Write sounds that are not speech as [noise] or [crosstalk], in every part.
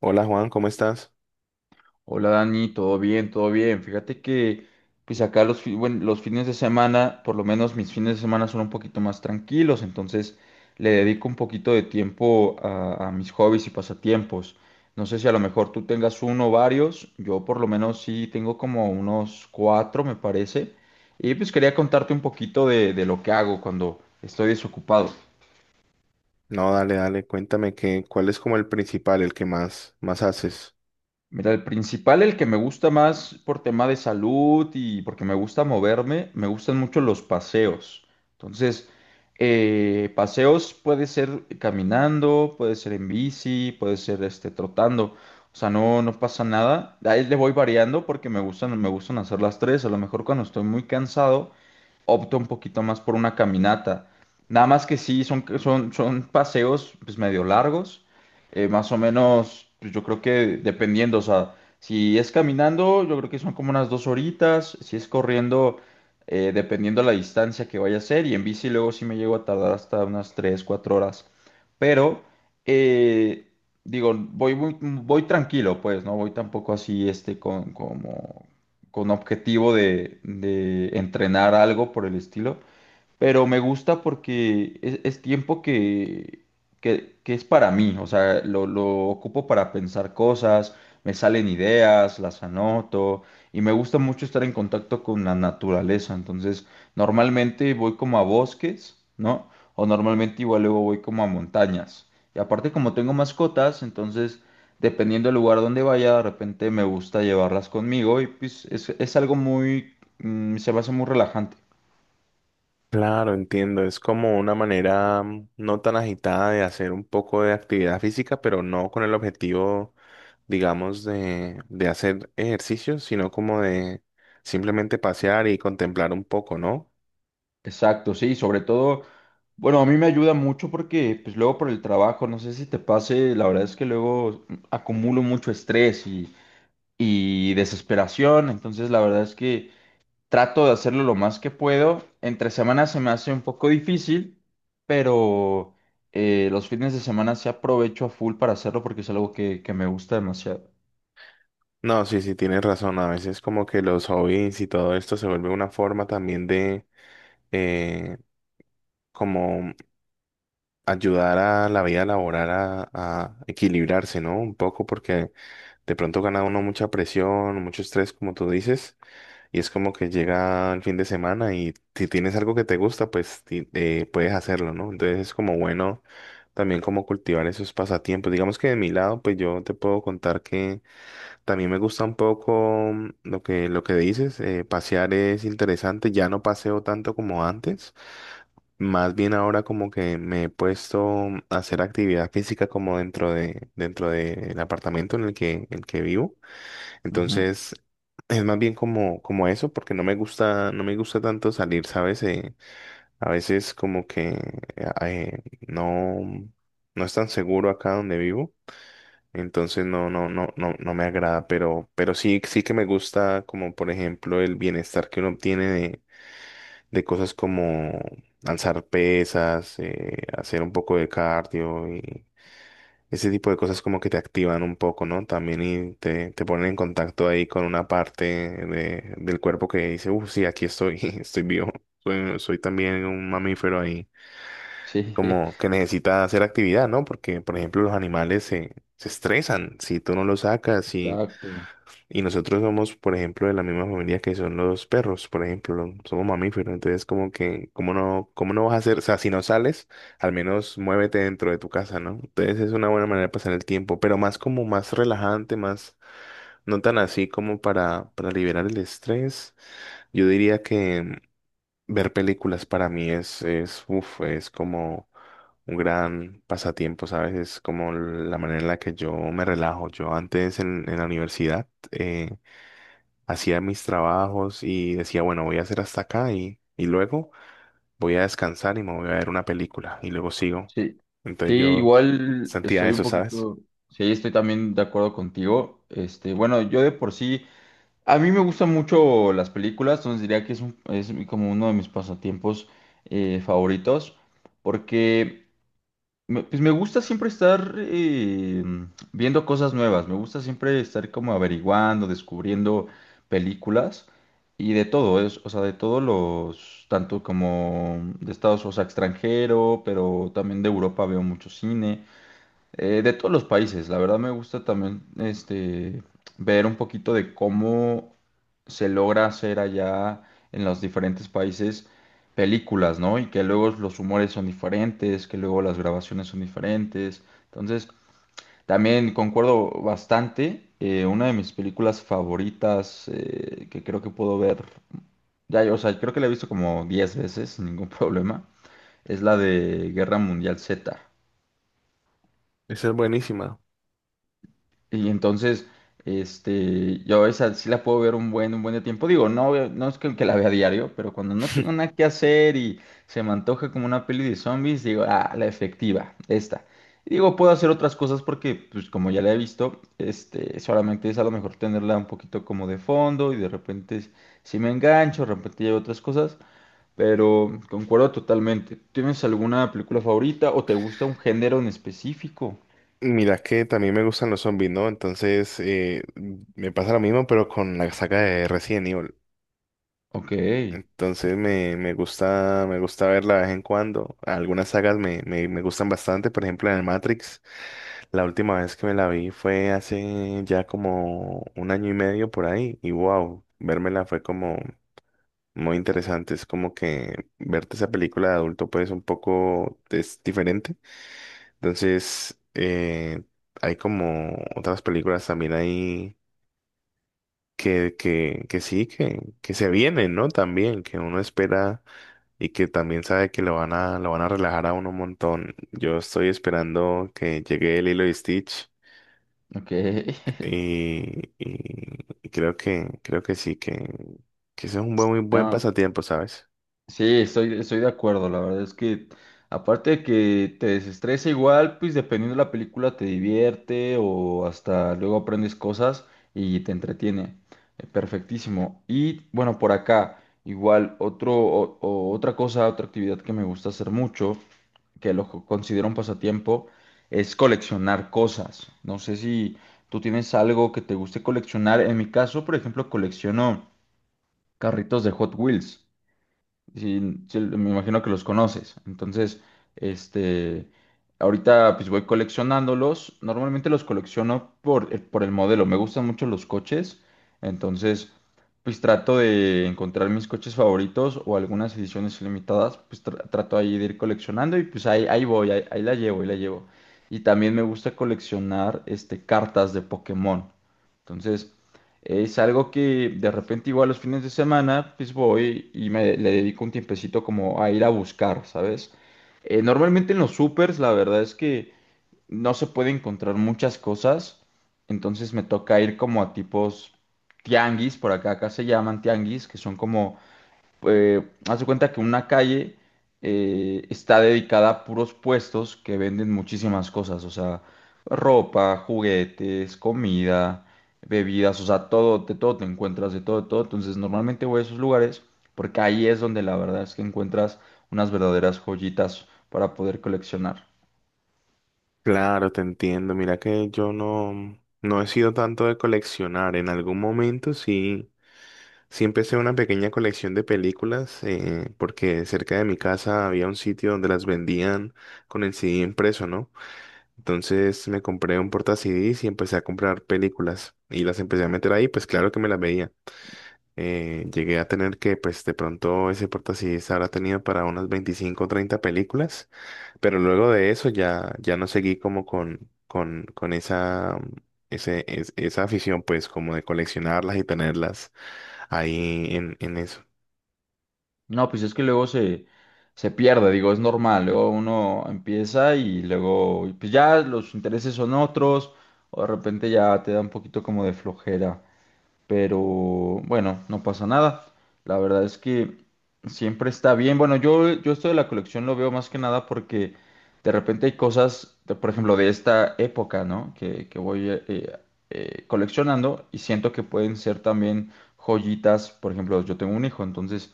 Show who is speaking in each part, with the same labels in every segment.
Speaker 1: Hola Juan, ¿cómo estás?
Speaker 2: Hola Dani, todo bien, todo bien. Fíjate que pues acá los fines de semana, por lo menos mis fines de semana son un poquito más tranquilos, entonces le dedico un poquito de tiempo a mis hobbies y pasatiempos. No sé si a lo mejor tú tengas uno o varios, yo por lo menos sí tengo como unos cuatro, me parece. Y pues quería contarte un poquito de lo que hago cuando estoy desocupado.
Speaker 1: No, dale, dale, cuéntame que, ¿cuál es como el principal, el que más haces?
Speaker 2: Mira, el principal, el que me gusta más por tema de salud y porque me gusta moverme, me gustan mucho los paseos. Entonces, paseos puede ser caminando, puede ser en bici, puede ser trotando. O sea, no, no pasa nada. Ahí le voy variando porque me gustan hacer las tres. A lo mejor cuando estoy muy cansado opto un poquito más por una caminata. Nada más que sí, son paseos pues medio largos, más o menos, pues, yo creo que dependiendo, o sea, si es caminando, yo creo que son como unas 2 horitas, si es corriendo, dependiendo la distancia que vaya a ser, y en bici luego sí me llego a tardar hasta unas 3, 4 horas. Pero, eh, digo, voy, tranquilo, pues, no voy tampoco así, este, con objetivo de entrenar algo por el estilo, pero me gusta porque es tiempo que es para mí, o sea, lo ocupo para pensar cosas, me salen ideas, las anoto, y me gusta mucho estar en contacto con la naturaleza, entonces normalmente voy como a bosques, ¿no? O normalmente igual luego voy como a montañas. Y aparte como tengo mascotas, entonces dependiendo del lugar donde vaya, de repente me gusta llevarlas conmigo, y pues es algo muy, mm, se me hace muy relajante.
Speaker 1: Claro, entiendo, es como una manera mm, no tan agitada de hacer un poco de actividad física, pero no con el objetivo, digamos, de hacer ejercicio, sino como de simplemente pasear y contemplar un poco, ¿no?
Speaker 2: Exacto, sí, sobre todo, bueno, a mí me ayuda mucho porque pues luego por el trabajo, no sé si te pase, la verdad es que luego acumulo mucho estrés y desesperación, entonces la verdad es que trato de hacerlo lo más que puedo. Entre semanas se me hace un poco difícil, pero los fines de semana sí aprovecho a full para hacerlo porque es algo que me gusta demasiado.
Speaker 1: No, sí, sí, tienes razón, a veces como que los hobbies y todo esto se vuelve una forma también de... eh, como ayudar a la vida laboral a equilibrarse, ¿no? Un poco porque de pronto gana uno mucha presión, mucho estrés, como tú dices, y es como que llega el fin de semana y si tienes algo que te gusta, pues puedes hacerlo, ¿no? Entonces es como bueno también como cultivar esos pasatiempos. Digamos que de mi lado, pues yo te puedo contar que... También me gusta un poco mm, lo que dices, pasear es interesante, ya no paseo tanto como antes, más bien ahora como que me he puesto mm, a hacer actividad física como dentro de, dentro del apartamento en el que vivo,
Speaker 2: Ujú.
Speaker 1: entonces es más bien como, como eso, porque no me gusta tanto salir, ¿sabes? A veces como que eh, no, no es tan seguro acá donde vivo. Entonces no me agrada, pero sí, sí que me gusta como por ejemplo el bienestar que uno obtiene de cosas como alzar pesas, hacer un poco de cardio y ese tipo de cosas como que te activan un poco, ¿no? También y te ponen en contacto ahí con una parte de, del cuerpo que dice, uff, sí, aquí estoy, [laughs] estoy vivo, soy también un mamífero ahí,
Speaker 2: Sí,
Speaker 1: como
Speaker 2: [laughs]
Speaker 1: que necesita hacer actividad, ¿no? Porque por ejemplo los animales se estresan si tú no los sacas si
Speaker 2: exacto.
Speaker 1: y nosotros somos, por ejemplo, de la misma familia que son los perros, por ejemplo, somos mamíferos, entonces como que, cómo no vas a hacer? O sea, si no sales, al menos muévete dentro de tu casa, ¿no? Entonces es una buena manera de pasar el tiempo, pero más como más relajante, más, no tan así como para liberar el estrés. Yo diría que ver películas para mí es, uf, es como un gran pasatiempo, ¿sabes? Es como la manera en la que yo me relajo. Yo antes en la universidad, hacía mis trabajos y decía, bueno, voy a hacer hasta acá y luego voy a descansar y me voy a ver una película y luego sigo.
Speaker 2: Sí, sí,
Speaker 1: Entonces yo
Speaker 2: igual
Speaker 1: sentía eso, ¿sabes?
Speaker 2: sí, estoy también de acuerdo contigo. Bueno, yo de por sí, a mí me gustan mucho las películas, entonces diría que es como uno de mis pasatiempos favoritos, porque pues me gusta siempre estar viendo cosas nuevas, me gusta siempre estar como averiguando, descubriendo películas y de todo, es, o sea, de todos tanto como de Estados, o sea, extranjero, pero también de Europa veo mucho cine. De todos los países, la verdad me gusta también ver un poquito de cómo se logra hacer allá en los diferentes países películas, ¿no? Y que luego los humores son diferentes, que luego las grabaciones son diferentes. Entonces, también concuerdo bastante. Una de mis películas favoritas que creo que puedo ver, o sea, creo que la he visto como 10 veces sin ningún [laughs] problema, es la de Guerra Mundial Z.
Speaker 1: Esa es buenísima.
Speaker 2: Y entonces, yo esa sí la puedo ver un buen de tiempo. Digo, no, no es que la vea a diario, pero cuando no tengo nada que hacer y se me antoja como una peli de zombies, digo, ah, la efectiva, esta. Y digo, puedo hacer otras cosas porque, pues, como ya la he visto, solamente es a lo mejor tenerla un poquito como de fondo, y de repente si me engancho, de repente llevo otras cosas, pero concuerdo totalmente. ¿Tienes alguna película favorita o te gusta un género en específico?
Speaker 1: Mira que también me gustan los zombies, ¿no? Entonces me pasa lo mismo, pero con la saga de Resident Evil.
Speaker 2: Ok,
Speaker 1: Entonces me gusta verla de vez en cuando. Algunas sagas me gustan bastante, por ejemplo en el Matrix. La última vez que me la vi fue hace ya como un año y medio por ahí. Y wow, vérmela fue como muy interesante. Es como que verte esa película de adulto pues un poco es diferente. Entonces hay como otras películas también ahí que sí, que se vienen, ¿no? También, que uno espera y que también sabe que lo van a relajar a uno un montón. Yo estoy esperando que llegue el hilo y Stitch
Speaker 2: ok. [laughs]
Speaker 1: y creo que sí, que ese es un buen, muy buen
Speaker 2: No,
Speaker 1: pasatiempo, ¿sabes?
Speaker 2: sí, estoy de acuerdo, la verdad es que aparte de que te desestresa igual, pues dependiendo de la película te divierte o hasta luego aprendes cosas y te entretiene. Perfectísimo. Y bueno, por acá, igual, o otra cosa, otra actividad que me gusta hacer mucho, que lo considero un pasatiempo, es coleccionar cosas. No sé si tú tienes algo que te guste coleccionar. En mi caso, por ejemplo, colecciono carritos de Hot Wheels. Sí, sí, me imagino que los conoces. Entonces, este, ahorita pues voy coleccionándolos. Normalmente los colecciono por el modelo. Me gustan mucho los coches. Entonces, pues trato de encontrar mis coches favoritos o algunas ediciones limitadas. Pues trato ahí de ir coleccionando y pues ahí, ahí voy, ahí, ahí la llevo, ahí la llevo. Y también me gusta coleccionar cartas de Pokémon. Entonces, es algo que de repente igual los fines de semana pues voy y me le dedico un tiempecito como a ir a buscar, ¿sabes? Normalmente en los supers la verdad es que no se puede encontrar muchas cosas, entonces me toca ir como a tipos tianguis, por acá se llaman tianguis, que son como haz de cuenta que una calle está dedicada a puros puestos que venden muchísimas cosas, o sea, ropa, juguetes, comida, bebidas, o sea, todo, de todo te encuentras, de todo, de todo. Entonces, normalmente voy a esos lugares porque ahí es donde la verdad es que encuentras unas verdaderas joyitas para poder coleccionar.
Speaker 1: Claro, te entiendo. Mira que yo no, no he sido tanto de coleccionar. En algún momento sí, sí empecé una pequeña colección de películas, porque cerca de mi casa había un sitio donde las vendían con el CD impreso, ¿no? Entonces me compré un porta CDs y empecé a comprar películas y las empecé a meter ahí, pues claro que me las veía. Llegué a tener que, pues de pronto ese porta CDs habrá tenido para unas 25 o 30 películas, pero luego de eso ya, ya no seguí como con esa, esa afición, pues como de coleccionarlas y tenerlas ahí en
Speaker 2: No, pues es que luego se pierde, digo, es normal. Luego uno empieza y luego, pues ya los intereses son otros, o de repente ya te da un poquito como de flojera. Pero bueno, no pasa nada. La verdad es que siempre está bien. Bueno, yo esto de la colección lo veo más que nada porque de repente hay cosas, por ejemplo, de esta época, ¿no? Que voy coleccionando y siento que pueden ser también joyitas. Por ejemplo, yo tengo un hijo, entonces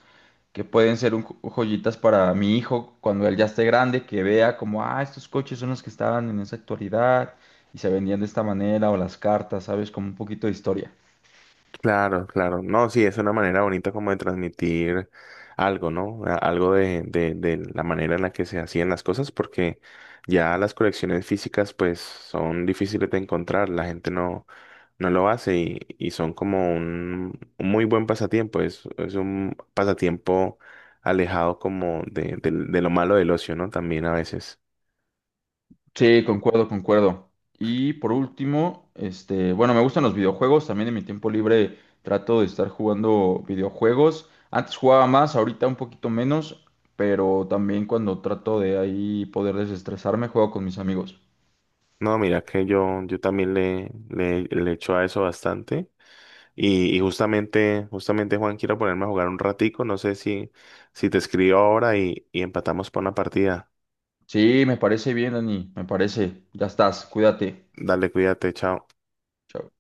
Speaker 2: que pueden ser joyitas para mi hijo cuando él ya esté grande, que vea como, ah, estos coches son los que estaban en esa actualidad y se vendían de esta manera, o las cartas, ¿sabes? Como un poquito de historia.
Speaker 1: Claro, claro. No, sí, es una manera bonita como de transmitir algo, ¿no? Algo de la manera en la que se hacían las cosas, porque ya las colecciones físicas pues son difíciles de encontrar, la gente no, no lo hace y son como un muy buen pasatiempo, es un pasatiempo alejado como de, de lo malo del ocio, ¿no? También a veces.
Speaker 2: Sí, concuerdo, concuerdo. Y por último, bueno, me gustan los videojuegos. También en mi tiempo libre trato de estar jugando videojuegos. Antes jugaba más, ahorita un poquito menos, pero también cuando trato de ahí poder desestresarme, juego con mis amigos.
Speaker 1: No, mira que yo también le, le echo a eso bastante. Y justamente, justamente Juan, quiero ponerme a jugar un ratico. No sé si, si te escribo ahora y empatamos para una partida.
Speaker 2: Sí, me parece bien, Dani, me parece. Ya estás, cuídate.
Speaker 1: Dale, cuídate, chao.
Speaker 2: Chao.